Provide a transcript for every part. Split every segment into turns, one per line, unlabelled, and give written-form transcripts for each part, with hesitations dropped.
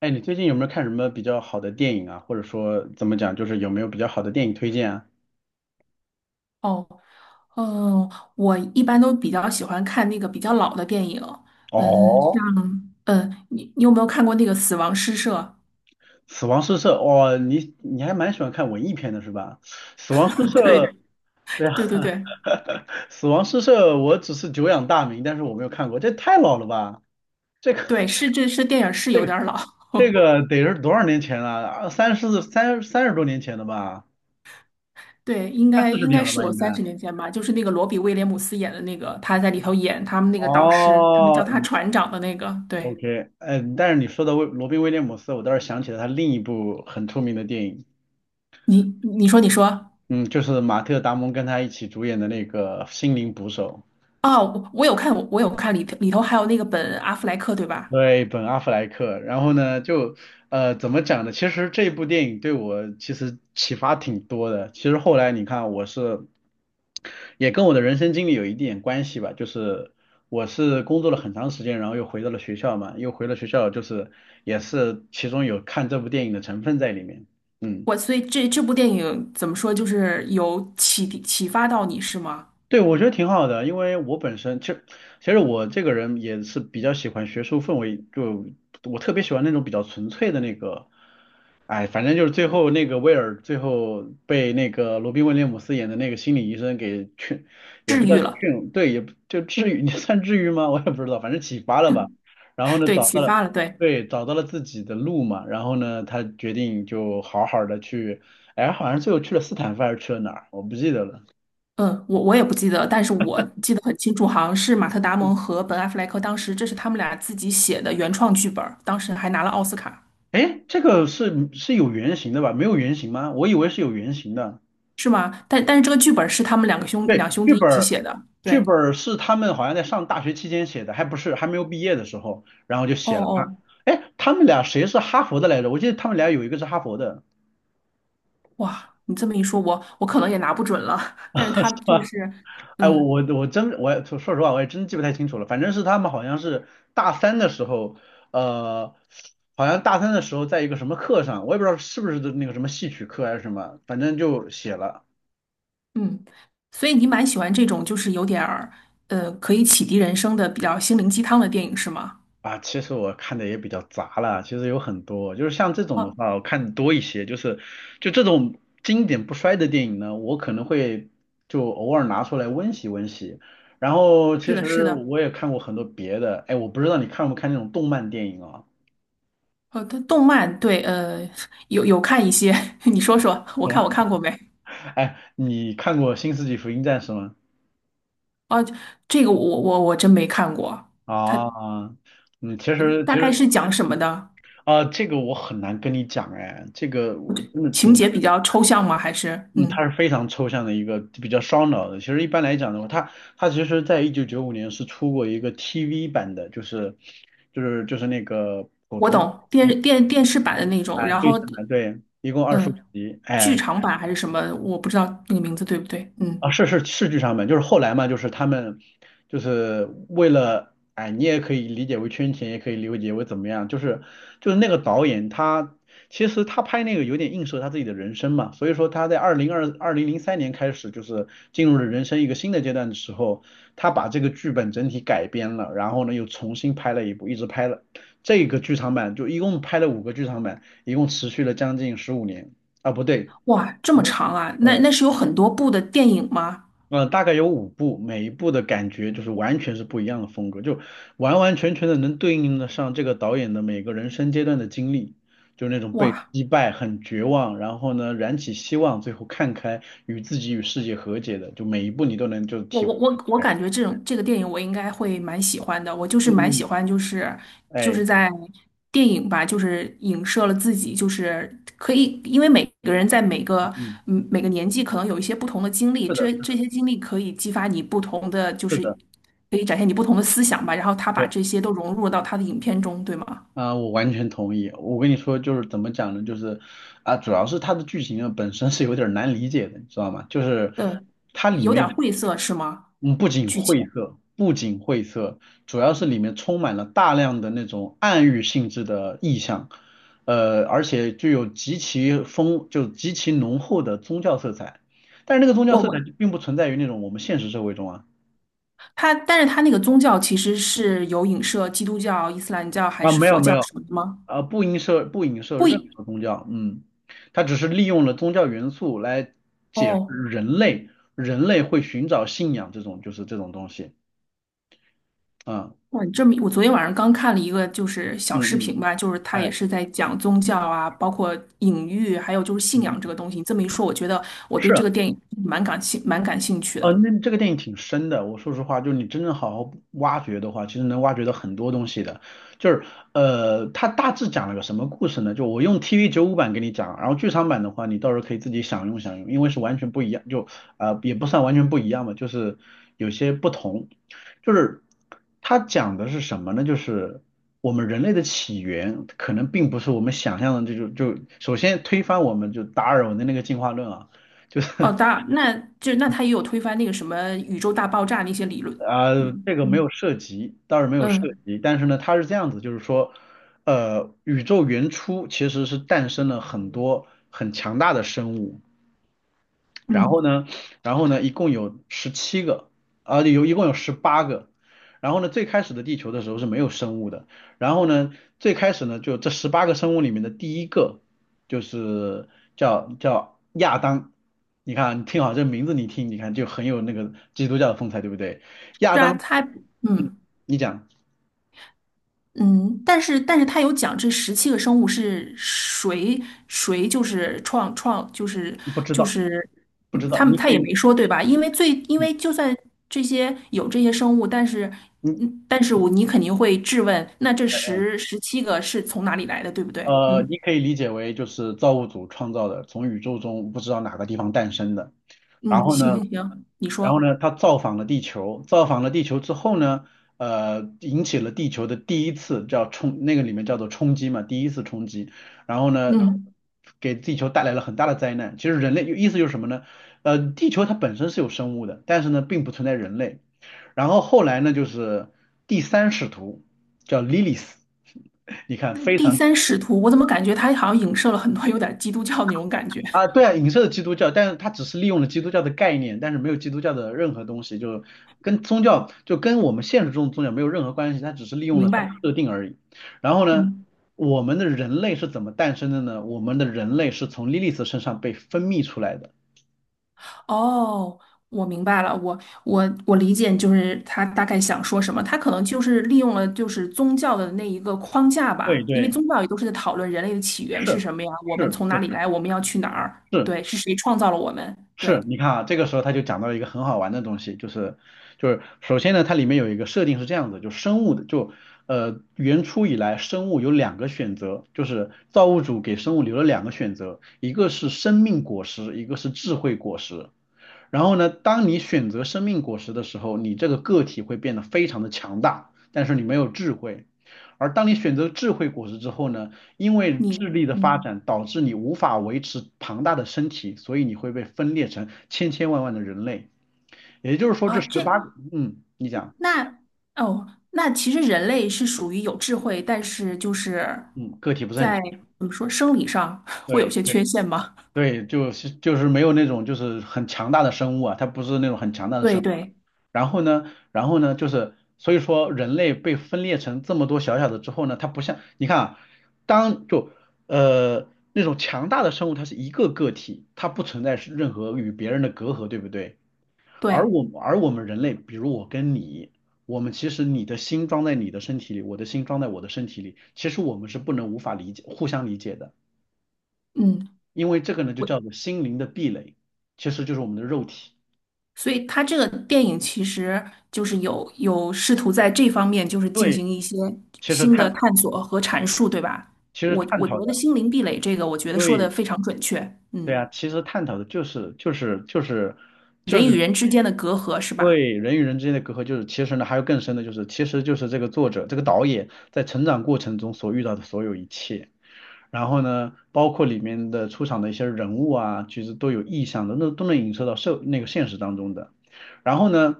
哎，你最近有没有看什么比较好的电影啊？或者说怎么讲，就是有没有比较好的电影推荐啊？
哦，我一般都比较喜欢看那个比较老的电影，嗯，像
哦，
你有没有看过那个《死亡诗社》？
死亡诗社，哇，你还蛮喜欢看文艺片的是吧？死亡诗 社，
对，
对啊，
对对对
死亡诗社，我只是久仰大名，但是我没有看过，这太老了吧？这个
对，是电影是
这
有
个
点儿老，
这个得是多少年前了？啊，30多年前了吧？
对，应
快
该
四十
应
年
该
了
是
吧
有
应该？
30年前吧，就是那个罗比威廉姆斯演的那个，他在里头演他们那个导师，他们叫
哦，
他船长的那个，对。
OK，嗯，但是你说的罗宾威廉姆斯，我倒是想起了他另一部很出名的电影，
你你说你说
嗯，就是马特达蒙跟他一起主演的那个《心灵捕手》，
哦，我有看里头还有那个本阿弗莱克对吧？
对，本阿弗莱克。然后呢，就怎么讲呢？其实这部电影对我其实启发挺多的。其实后来你看，我是也跟我的人生经历有一点关系吧，就是我是工作了很长时间，然后又回到了学校嘛，又回了学校，就是也是其中有看这部电影的成分在里面，嗯。
所以这部电影怎么说，就是有启发到你是吗？
对，我觉得挺好的，因为我本身其实我这个人也是比较喜欢学术氛围，就我特别喜欢那种比较纯粹的那个，哎，反正就是最后那个威尔最后被那个罗宾威廉姆斯演的那个心理医生给劝，也
治
不叫
愈了，
劝，对，也不就治愈，你算治愈吗？我也不知道，反正启发了吧。然后呢，
对，
找
启
到了，
发了，对。
对，找到了自己的路嘛。然后呢，他决定就好好的去，哎，好像最后去了斯坦福还是去了哪儿，我不记得了。
嗯，我也不记得，但是我记得很清楚，好像是马特·达蒙和本·阿弗莱克当时这是他们俩自己写的原创剧本儿，当时还拿了奥斯卡。
哎，这个是有原型的吧？没有原型吗？我以为是有原型的。
是吗？但是这个剧本是他们
对，
两兄
剧
弟一
本
起
儿，
写的，
剧
对，
本儿是他们好像在上大学期间写的，还不是还没有毕业的时候，然后就
哦
写了哈。
哦，
哎，他们俩谁是哈佛的来着？我记得他们俩有一个是哈佛的，
哇，你这么一说，我可能也拿不准了，但是他 就
啊，
是。
哎，
嗯，
我也说实话，我也真记不太清楚了。反正是他们好像是大三的时候，呃，大三的时候在一个什么课上，我也不知道是不是那个什么戏曲课还是什么，反正就写了。
嗯，所以你蛮喜欢这种就是有点儿可以启迪人生的比较心灵鸡汤的电影是吗？
啊，其实我看的也比较杂了，其实有很多，就是像这种的
哦，
话，我看多一些，就这种经典不衰的电影呢，我可能会就偶尔拿出来温习温习。然后
是
其
的，是
实
的，
我也看过很多别的，哎，我不知道你看不看那种动漫电影啊？
它动漫对，有有看一些，你说说，我看过没？
哎，你看过《新世纪福音战士》吗？
哦，这个我真没看过，它
啊，嗯，其实
大概是讲什么的？
啊，这个我很难跟你讲，哎，这个我真的
情
挺。
节比较抽象吗？还是
嗯，它
嗯，
是非常抽象的一个比较烧脑的。其实一般来讲的话，它其实在1995年是出过一个 TV 版的，就是那个普
我
通
懂电视版的那种，
哎
然
对
后
称的，对，一共二十五
嗯，
集，
剧
哎。
场版还是什么？我不知道那个名字对不对？嗯。
啊，是剧场版，就是后来嘛，就是他们就是为了，哎，你也可以理解为圈钱，也可以理解为怎么样，就是那个导演他其实他拍那个有点映射他自己的人生嘛，所以说他在2003年开始就是进入了人生一个新的阶段的时候，他把这个剧本整体改编了，然后呢又重新拍了一部，一直拍了这个剧场版，就一共拍了五个剧场版，一共持续了将近15年啊，不对。
哇，这么
没有。
长啊？那那是有很多部的电影吗？
大概有五部，每一部的感觉就是完全是不一样的风格，就完完全全的能对应得上这个导演的每个人生阶段的经历，就那种被
哇，
击败、很绝望，然后呢燃起希望，最后看开，与自己与世界和解的，就每一部你都能就
我
体会
我
出
我我
来。
感觉这种这个电影我应该会蛮喜欢的。我就是蛮喜
嗯，
欢，就是就
哎，
是在电影吧，就是影射了自己，就是可以，因为每个人在每
嗯，
个
嗯
每个年纪可能有一些不同的经历，
是的，
这
是的，
经历可以激发你不同的，就
是
是
的，
可以展现你不同的思想吧。然后他把
对。
这些都融入到他的影片中，对吗？
啊，我完全同意。我跟你说，就是怎么讲呢？就是啊，主要是它的剧情啊本身是有点儿难理解的，你知道吗？就是
嗯，
它里
有点
面，
晦涩是吗？
嗯，
剧情。
不仅晦涩，主要是里面充满了大量的那种暗喻性质的意象，而且具有极其浓厚的宗教色彩。但是那个宗教
我
色彩
我
并不存在于那种我们现实社会中啊。
它，但是它那个宗教其实是有影射基督教、伊斯兰教还
啊，
是
没有
佛
没
教
有。
什么的吗？
啊，不影射
不
任
一，
何宗教，嗯，它只是利用了宗教元素来解释
哦，
人类人类会寻找信仰这种东西，啊，
哇，你这么，我昨天晚上刚看了一个就是小
嗯
视
嗯，
频吧，就是他
哎，
也是在讲宗教啊，包括隐喻，还有就是信
嗯，
仰这个
嗯
东西。你这么一说，我觉得我对
是。
这个电影蛮感兴趣
哦，
的。
那这个电影挺深的。我说实话，就是你真正好好挖掘的话，其实能挖掘到很多东西的。就是它大致讲了个什么故事呢？就我用 TV 95版给你讲，然后剧场版的话，你到时候可以自己享用享用，因为是完全不一样，也不算完全不一样吧，就是有些不同。就是它讲的是什么呢？就是我们人类的起源可能并不是我们想象的这种，就首先推翻我们就达尔文的那个进化论啊。
哦，当然，那他也有推翻那个什么宇宙大爆炸那些理论，
啊，
嗯
这个没有
嗯
涉及，倒是没有涉
嗯
及，但是呢，它是这样子，就是说，宇宙原初其实是诞生了很多很强大的生物，然后
嗯，
呢，然后呢，一共有17个，啊，有一共有十八个，然后呢，最开始的地球的时候是没有生物的，然后呢，最开始呢，就这十八个生物里面的第一个就是叫亚当，你看啊，你听好这名字，你听，你看就很有那个基督教的风采，对不对？亚
是啊，
当
他嗯。
你讲
嗯，但是他有讲这十七个生物是谁谁就是创创就是
不知
就
道，
是
不
嗯
知道，
他们他也没说对吧？因
嗯，
为就算这些生物，但是
你
嗯但是你肯定会质问，那这
呃
十七个是从哪里来的，对不对？
你
嗯
可以理解为就是造物主创造的，从宇宙中不知道哪个地方诞生的。然
嗯，
后
行
呢，
行行，你
然后
说，
呢，他造访了地球，造访了地球之后呢，引起了地球的第一次那个里面叫做冲击嘛，第一次冲击。然后呢，
嗯，
给地球带来了很大的灾难。其实人类意思就是什么呢？地球它本身是有生物的，但是呢，并不存在人类。然后后来呢，就是第三使徒叫 Lilith，你看
那
非
第
常
三使徒，我怎么感觉他好像影射了很多有点基督教那种感觉？
啊，对啊，影射基督教，但是它只是利用了基督教的概念，但是没有基督教的任何东西，就跟宗教就跟我们现实中的宗教没有任何关系，它只是利用了
明
它的
白，
设定而已。然后呢，
嗯。
我们的人类是怎么诞生的呢？我们的人类是从莉莉丝身上被分泌出来的。
哦，我明白了，我理解，就是他大概想说什么，他可能就是利用了就是宗教的那一个框架
对
吧，因为
对，
宗教也都是在讨论人类的起源是
是
什么呀，我
是
们从哪
是
里来，我们要去哪儿，
是，
对，是谁创造了我们，对，
是，你看啊，这个时候他就讲到了一个很好玩的东西，就是首先呢，它里面有一个设定是这样子，就生物的原初以来生物有两个选择，就是造物主给生物留了两个选择，一个是生命果实，一个是智慧果实。然后呢，当你选择生命果实的时候，你这个个体会变得非常的强大，但是你没有智慧。而当你选择智慧果实之后呢，因为智
你，
力的发
嗯，
展导致你无法维持庞大的身体，所以你会被分裂成千千万万的人类。也就是说，
啊，
这十
这，
八个，嗯，你讲，
那哦，那其实人类是属于有智慧，但是就是
嗯，个体不是很，
在怎么说生理上 会有
对
些
对
缺陷吗？
对，就是没有那种就是很强大的生物啊，它不是那种很强大的
对
生物。
对
然后呢，就是所以说人类被分裂成这么多小小的之后呢，它不像你看啊，当就那种强大的生物，它是一个个体，它不存在是任何与别人的隔阂，对不对？
对，
而我们人类，比如我跟你，我们其实你的心装在你的身体里，我的心装在我的身体里，其实我们是不能无法理解互相理解的，
嗯。
因为这个呢就
我。
叫做心灵的壁垒，其实就是我们的肉体。
所以他这个电影其实就是有试图在这方面就是进
对，
行一些
其实
新的
探
探索和阐述，对吧？
其实
我
探
我觉
讨
得
的。
心灵壁垒这个，我觉得说的
对，
非常准确。
对
嗯，
啊，其实探讨的就是就
人与
是
人之间的隔阂是吧？
对人与人之间的隔阂，就是其实呢还有更深的，就是其实就是这个作者这个导演在成长过程中所遇到的所有一切，然后呢，包括里面的出场的一些人物啊，其实都有意向的，那都能影射到那个现实当中的。然后呢，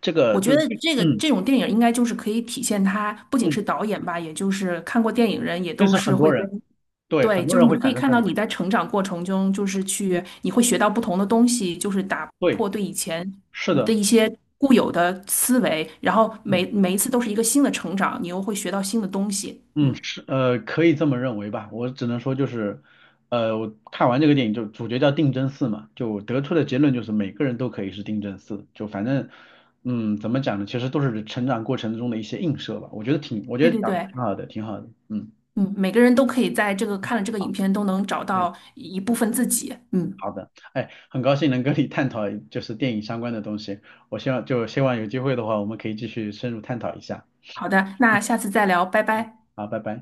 这个
我
就
觉得这个
嗯
这种电影应该就是可以体现他不仅
嗯，
是导演吧，也就是看过电影人也
就
都
是
是
很
会
多
跟
人对
对，
很多
就是
人会
你可
产
以
生
看
共
到
鸣，
你在成长过程中，就是去你会学到不同的东西，就是打破
对，
对以前
是
的
的，
一些固有的思维，然后
嗯。
每一次都是一个新的成长，你又会学到新的东西。
嗯，
嗯，
是，可以这么认为吧。我只能说就是，我看完这个电影，就主角叫定真寺嘛，就得出的结论就是每个人都可以是定真寺。就反正，嗯，怎么讲呢？其实都是成长过程中的一些映射吧。我觉
对
得
对
讲得
对，
挺好的，挺好的。嗯，
嗯，每个人都可以在这个看了这个影片都能找
对，
到一部分自己。嗯，
好的。哎，很高兴能跟你探讨就是电影相关的东西。我希望有机会的话，我们可以继续深入探讨一下。
好的，那下次再聊，拜拜。
好，拜拜。